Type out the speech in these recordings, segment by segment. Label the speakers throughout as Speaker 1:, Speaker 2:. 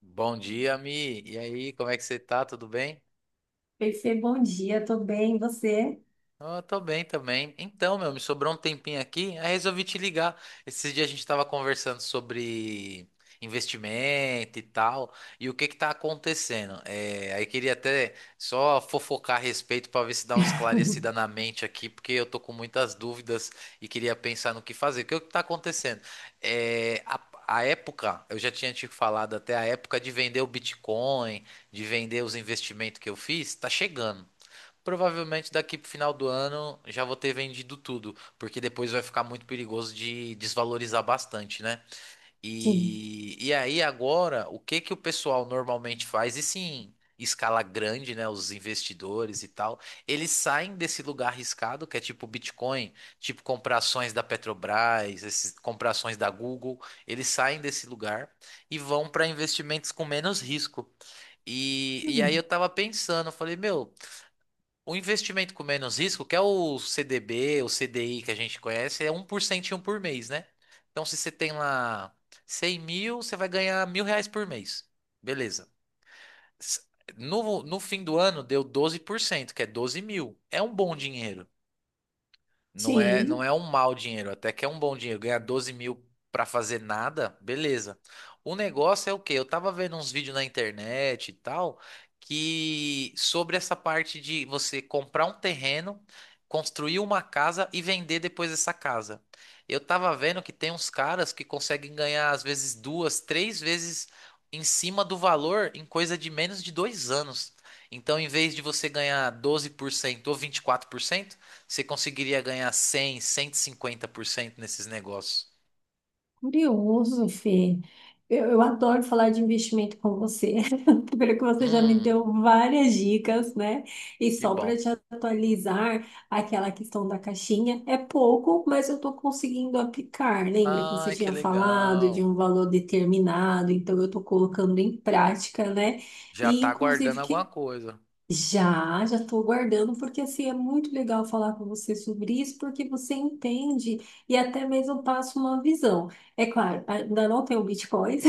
Speaker 1: Bom dia, Mi. E aí, como é que você tá? Tudo bem?
Speaker 2: Perfê, bom dia, tô bem, e você?
Speaker 1: Ah, tô bem também. Então, meu, me sobrou um tempinho aqui, aí resolvi te ligar. Esses dias a gente tava conversando sobre investimento e tal, e o que que tá acontecendo. Aí queria até só fofocar a respeito pra ver se dá uma esclarecida na mente aqui, porque eu tô com muitas dúvidas e queria pensar no que fazer. O que que tá acontecendo? É, a, a época, eu já tinha te falado até a época de vender o Bitcoin, de vender os investimentos que eu fiz, tá chegando. Provavelmente daqui pro final do ano já vou ter vendido tudo, porque depois vai ficar muito perigoso de desvalorizar bastante, né?
Speaker 2: Sim.
Speaker 1: E aí agora, o que que o pessoal normalmente faz? E sim, escala grande, né? Os investidores e tal, eles saem desse lugar arriscado, que é tipo Bitcoin, tipo comprar ações da Petrobras, esses, comprar ações da Google, eles saem desse lugar e vão para investimentos com menos risco. E aí eu
Speaker 2: Hum,
Speaker 1: tava pensando, eu falei, meu. O investimento com menos risco, que é o CDB, o CDI que a gente conhece, é um por cento por mês, né? Então, se você tem lá 100 mil, você vai ganhar mil reais por mês. Beleza. S- no fim do ano, deu 12%, que é 12 mil. É um bom dinheiro. Não
Speaker 2: sim,
Speaker 1: é um mau dinheiro, até que é um bom dinheiro. Ganhar 12 mil pra fazer nada, beleza. O negócio é o quê? Eu tava vendo uns vídeos na internet e tal, que sobre essa parte de você comprar um terreno, construir uma casa e vender depois essa casa. Eu tava vendo que tem uns caras que conseguem ganhar, às vezes, duas, três vezes em cima do valor em coisa de menos de dois anos. Então, em vez de você ganhar 12% ou 24% você conseguiria ganhar cem, cento e cinquenta por cento nesses negócios.
Speaker 2: curioso, Fê. Eu adoro falar de investimento com você. Primeiro que você já me
Speaker 1: Hum,
Speaker 2: deu várias dicas, né? E
Speaker 1: que
Speaker 2: só para
Speaker 1: bom.
Speaker 2: te atualizar, aquela questão da caixinha é pouco, mas eu estou conseguindo aplicar. Lembra que você
Speaker 1: Ai, que
Speaker 2: tinha falado de um
Speaker 1: legal.
Speaker 2: valor determinado? Então eu estou colocando em prática, né?
Speaker 1: Já
Speaker 2: E
Speaker 1: tá guardando
Speaker 2: inclusive
Speaker 1: alguma
Speaker 2: que
Speaker 1: coisa.
Speaker 2: já estou aguardando, porque assim, é muito legal falar com você sobre isso, porque você entende e até mesmo passa uma visão. É claro, ainda não tenho bitcoins.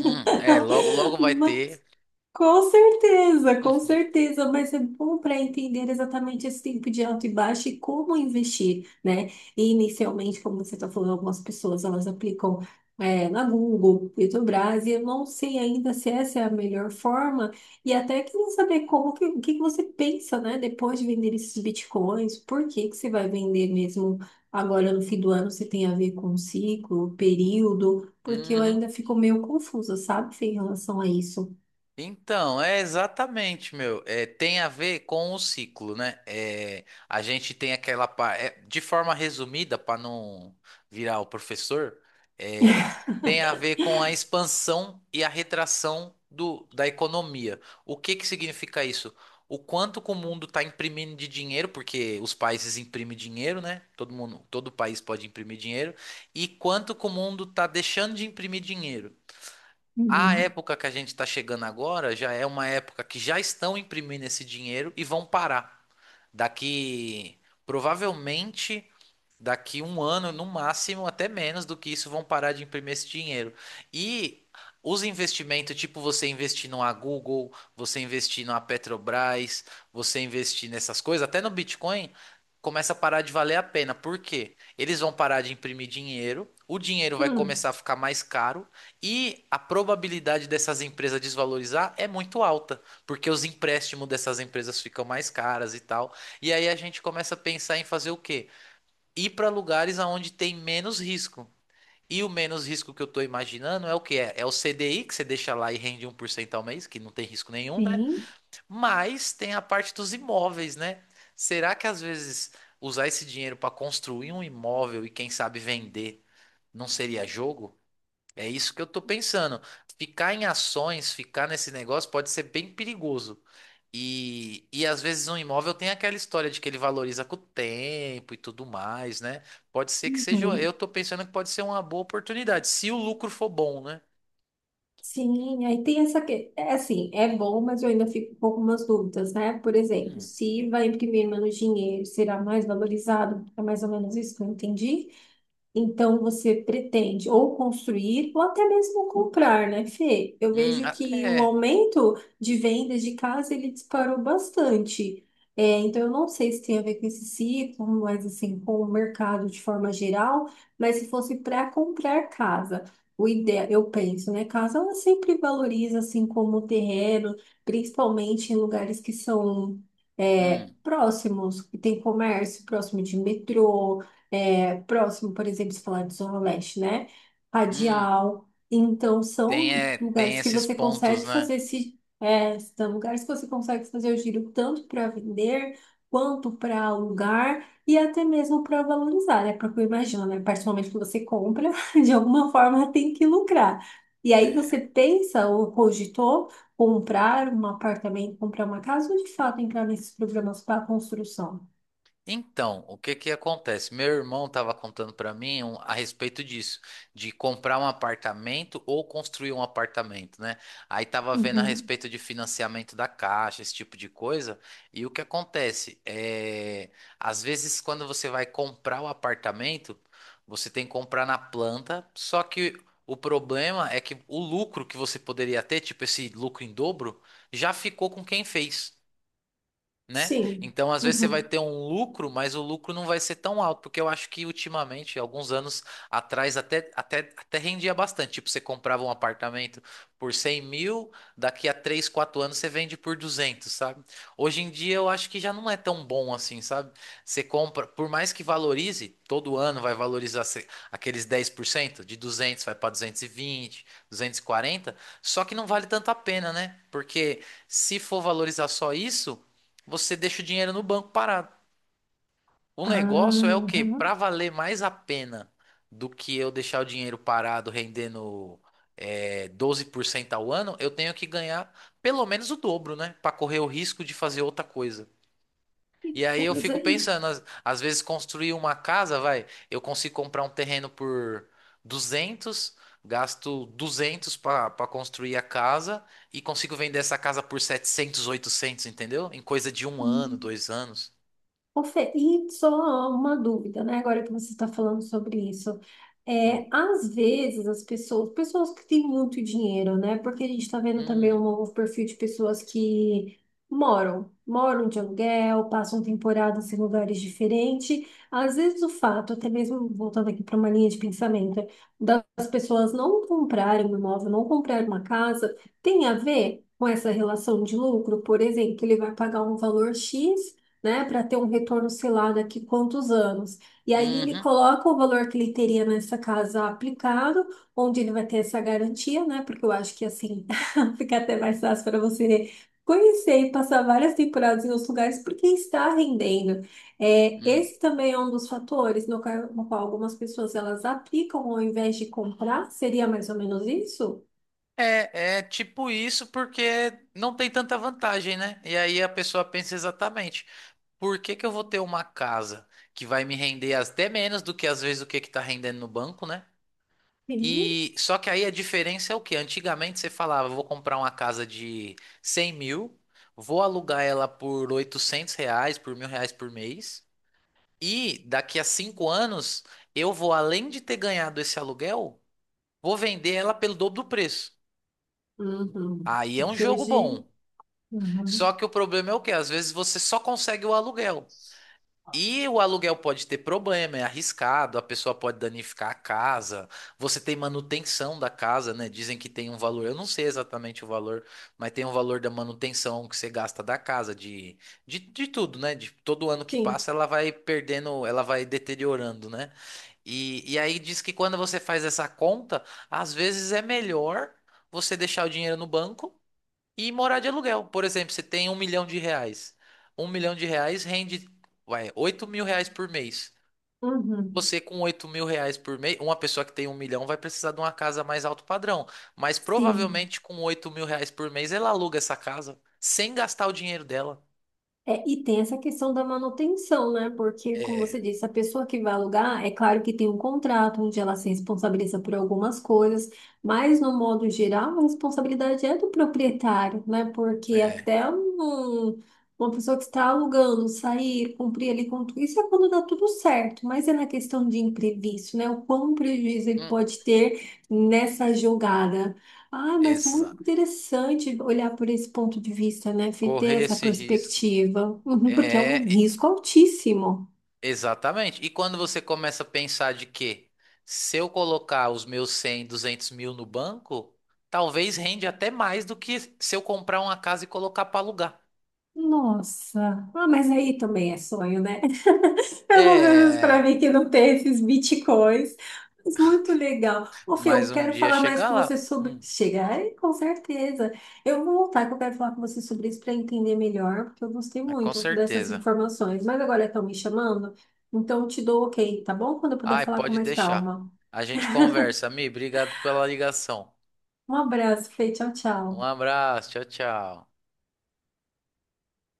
Speaker 1: É, logo, logo vai ter.
Speaker 2: Com certeza, mas é bom para entender exatamente esse tempo de alto e baixo e como investir, né? E inicialmente, como você está falando, algumas pessoas elas aplicam na Google, Petrobras, e eu não sei ainda se essa é a melhor forma, e até que não saber como que, o que que você pensa, né? Depois de vender esses bitcoins, por que que você vai vender mesmo agora no fim do ano? Se tem a ver com ciclo, período, porque eu
Speaker 1: Uhum.
Speaker 2: ainda fico meio confusa, sabe, Fê, em relação a isso.
Speaker 1: Então, é exatamente, meu. É, tem a ver com o ciclo, né? É, a gente tem aquela parte. De forma resumida, para não virar o professor, é, tem a ver com a expansão e a retração da economia. O que que significa isso? O quanto que o mundo está imprimindo de dinheiro, porque os países imprimem dinheiro, né? Todo mundo, todo país pode imprimir dinheiro, e quanto que o mundo está deixando de imprimir dinheiro. A
Speaker 2: Uhum.
Speaker 1: época que a gente está chegando agora já é uma época que já estão imprimindo esse dinheiro e vão parar. Daqui, provavelmente, daqui um ano, no máximo, até menos do que isso, vão parar de imprimir esse dinheiro. E os investimentos, tipo você investir numa Google, você investir numa Petrobras, você investir nessas coisas, até no Bitcoin, começa a parar de valer a pena. Por quê? Eles vão parar de imprimir dinheiro, o dinheiro vai
Speaker 2: Hum,
Speaker 1: começar a ficar mais caro e a probabilidade dessas empresas desvalorizar é muito alta, porque os empréstimos dessas empresas ficam mais caras e tal. E aí a gente começa a pensar em fazer o quê? Ir para lugares aonde tem menos risco. E o menos risco que eu estou imaginando é o que é? É o CDI, que você deixa lá e rende um por cento ao mês, que não tem risco nenhum, né?
Speaker 2: sim.
Speaker 1: Mas tem a parte dos imóveis, né? Será que às vezes usar esse dinheiro para construir um imóvel e quem sabe vender não seria jogo? É isso que eu estou pensando. Ficar em ações, ficar nesse negócio pode ser bem perigoso. E às vezes um imóvel tem aquela história de que ele valoriza com o tempo e tudo mais, né? Pode ser que seja.
Speaker 2: Uhum.
Speaker 1: Eu tô pensando que pode ser uma boa oportunidade, se o lucro for bom, né?
Speaker 2: Sim, aí tem essa que é assim, é bom, mas eu ainda fico com algumas dúvidas, né? Por exemplo,
Speaker 1: Hum,
Speaker 2: se vai imprimir menos dinheiro, será mais valorizado? É mais ou menos isso que eu entendi? Então você pretende ou construir ou até mesmo comprar, né, Fê? Eu vejo
Speaker 1: ah,
Speaker 2: que o
Speaker 1: é.
Speaker 2: aumento de vendas de casa ele disparou bastante. É, então eu não sei se tem a ver com esse ciclo, mas assim, com o mercado de forma geral, mas se fosse para comprar casa, o ideal, eu penso, né? Casa ela sempre valoriza assim como terreno, principalmente em lugares que são
Speaker 1: Hum,
Speaker 2: próximos, que tem comércio, próximo de metrô, próximo, por exemplo, se falar de Zona Leste, né?
Speaker 1: hum.
Speaker 2: Radial. Então,
Speaker 1: Tem,
Speaker 2: são
Speaker 1: é, tem
Speaker 2: lugares que
Speaker 1: esses
Speaker 2: você
Speaker 1: pontos,
Speaker 2: consegue
Speaker 1: né?
Speaker 2: fazer esse, é, são lugares que você consegue fazer o giro tanto para vender quanto para alugar e até mesmo para valorizar, né? Porque eu imagino, né? A partir do momento que você compra, de alguma forma tem que lucrar. E aí
Speaker 1: É,
Speaker 2: você pensa ou cogitou comprar um apartamento, comprar uma casa ou de fato entrar nesses programas para construção?
Speaker 1: então, o que que acontece? Meu irmão estava contando para mim a respeito disso, de comprar um apartamento ou construir um apartamento, né? Aí tava vendo a
Speaker 2: Uhum.
Speaker 1: respeito de financiamento da Caixa, esse tipo de coisa. E o que acontece? É, às vezes, quando você vai comprar o apartamento, você tem que comprar na planta, só que o problema é que o lucro que você poderia ter, tipo esse lucro em dobro, já ficou com quem fez, né?
Speaker 2: Sim.
Speaker 1: Então, às vezes você vai
Speaker 2: Uhum.
Speaker 1: ter um lucro, mas o lucro não vai ser tão alto, porque eu acho que ultimamente, alguns anos atrás, até rendia bastante. Tipo, você comprava um apartamento por 100 mil, daqui a 3 4 anos você vende por 200, sabe? Hoje em dia eu acho que já não é tão bom assim, sabe? Você compra, por mais que valorize, todo ano vai valorizar aqueles 10% de 200 vai para duzentos e vinte, duzentos e quarenta, só que não vale tanto a pena, né? Porque se for valorizar só isso, você deixa o dinheiro no banco parado. O negócio é o quê?
Speaker 2: Aham.
Speaker 1: Para valer mais a pena do que eu deixar o dinheiro parado rendendo 12% ao ano, eu tenho que ganhar pelo menos o dobro, né? Para correr o risco de fazer outra coisa.
Speaker 2: Que
Speaker 1: E aí eu
Speaker 2: coisa
Speaker 1: fico
Speaker 2: aí.
Speaker 1: pensando, às vezes construir uma casa, vai, eu consigo comprar um terreno por 200, gasto 200 para construir a casa e consigo vender essa casa por 700, 800, entendeu? Em coisa de um ano,
Speaker 2: Hum.
Speaker 1: dois anos.
Speaker 2: Ô, Fê, e só uma dúvida, né? Agora que você está falando sobre isso.
Speaker 1: Hum.
Speaker 2: É, às vezes as pessoas, pessoas que têm muito dinheiro, né? Porque a gente está vendo também
Speaker 1: Hum,
Speaker 2: um novo perfil de pessoas que moram de aluguel, passam temporadas em lugares diferentes. Às vezes o fato, até mesmo voltando aqui para uma linha de pensamento, das pessoas não comprarem um imóvel, não comprarem uma casa, tem a ver com essa relação de lucro. Por exemplo, ele vai pagar um valor X, né, para ter um retorno, sei lá, daqui quantos anos. E aí ele
Speaker 1: uhum,
Speaker 2: coloca o valor que ele teria nessa casa aplicado, onde ele vai ter essa garantia, né, porque eu acho que assim fica até mais fácil para você conhecer e passar várias temporadas em outros lugares, porque está rendendo. É,
Speaker 1: hum.
Speaker 2: esse também é um dos fatores no qual algumas pessoas elas aplicam ao invés de comprar. Seria mais ou menos isso?
Speaker 1: É, é tipo isso porque não tem tanta vantagem, né? E aí a pessoa pensa exatamente, por que que eu vou ter uma casa que vai me render até menos do que às vezes o que que tá rendendo no banco, né?
Speaker 2: Sim.
Speaker 1: E só que aí a diferença é o que antigamente você falava, vou comprar uma casa de 100 mil, vou alugar ela por 800 reais, por mil reais por mês, e daqui a cinco anos eu vou, além de ter ganhado esse aluguel, vou vender ela pelo dobro do preço.
Speaker 2: Uhum.
Speaker 1: Aí é um
Speaker 2: Que
Speaker 1: jogo
Speaker 2: hoje.
Speaker 1: bom. Só
Speaker 2: Uhum.
Speaker 1: que o problema é o quê? Às vezes você só consegue o aluguel. E o aluguel pode ter problema, é arriscado, a pessoa pode danificar a casa, você tem manutenção da casa, né? Dizem que tem um valor, eu não sei exatamente o valor, mas tem um valor da manutenção que você gasta da casa, de tudo, né? De todo ano que
Speaker 2: Sim.
Speaker 1: passa, ela vai perdendo, ela vai deteriorando, né? E aí diz que quando você faz essa conta, às vezes é melhor você deixar o dinheiro no banco e morar de aluguel. Por exemplo, você tem um milhão de reais. Um milhão de reais rende, vai, oito mil reais por mês.
Speaker 2: Uhum.
Speaker 1: Você com oito mil reais por mês, uma pessoa que tem um milhão vai precisar de uma casa mais alto padrão. Mas
Speaker 2: Sim.
Speaker 1: provavelmente com oito mil reais por mês ela aluga essa casa sem gastar o dinheiro dela.
Speaker 2: É, e tem essa questão da manutenção, né? Porque, como
Speaker 1: É,
Speaker 2: você disse, a pessoa que vai alugar, é claro que tem um contrato onde ela se responsabiliza por algumas coisas, mas, no modo geral, a responsabilidade é do proprietário, né? Porque
Speaker 1: é.
Speaker 2: até um- uma pessoa que está alugando sair, cumprir ali com tudo, isso é quando dá tudo certo, mas é na questão de imprevisto, né? O quão prejuízo ele
Speaker 1: Hum,
Speaker 2: pode ter nessa jogada. Ah, mas muito
Speaker 1: exato.
Speaker 2: interessante olhar por esse ponto de vista, né? Fê, ter
Speaker 1: Correr
Speaker 2: essa
Speaker 1: esse risco.
Speaker 2: perspectiva. Uhum, porque é um
Speaker 1: É,
Speaker 2: risco altíssimo.
Speaker 1: exatamente. E quando você começa a pensar de que se eu colocar os meus 100, 200, mil no banco, talvez rende até mais do que se eu comprar uma casa e colocar para alugar.
Speaker 2: Nossa, ah, mas aí também é sonho, né? Pelo menos para
Speaker 1: É,
Speaker 2: mim que não tem esses bitcoins. Mas muito legal. Ô, Fê, eu
Speaker 1: mas um
Speaker 2: quero
Speaker 1: dia
Speaker 2: falar mais
Speaker 1: chegar
Speaker 2: com você
Speaker 1: lá.
Speaker 2: sobre. Chega aí, com certeza. Eu vou voltar que eu quero falar com você sobre isso para entender melhor, porque eu gostei
Speaker 1: É com
Speaker 2: muito dessas
Speaker 1: certeza.
Speaker 2: informações. Mas agora estão me chamando, então eu te dou ok, tá bom? Quando eu puder
Speaker 1: Ai,
Speaker 2: falar com
Speaker 1: pode
Speaker 2: mais
Speaker 1: deixar.
Speaker 2: calma.
Speaker 1: A gente conversa, Mi. Obrigado pela ligação.
Speaker 2: Um abraço, Fê. Tchau,
Speaker 1: Um
Speaker 2: tchau.
Speaker 1: abraço. Tchau, tchau.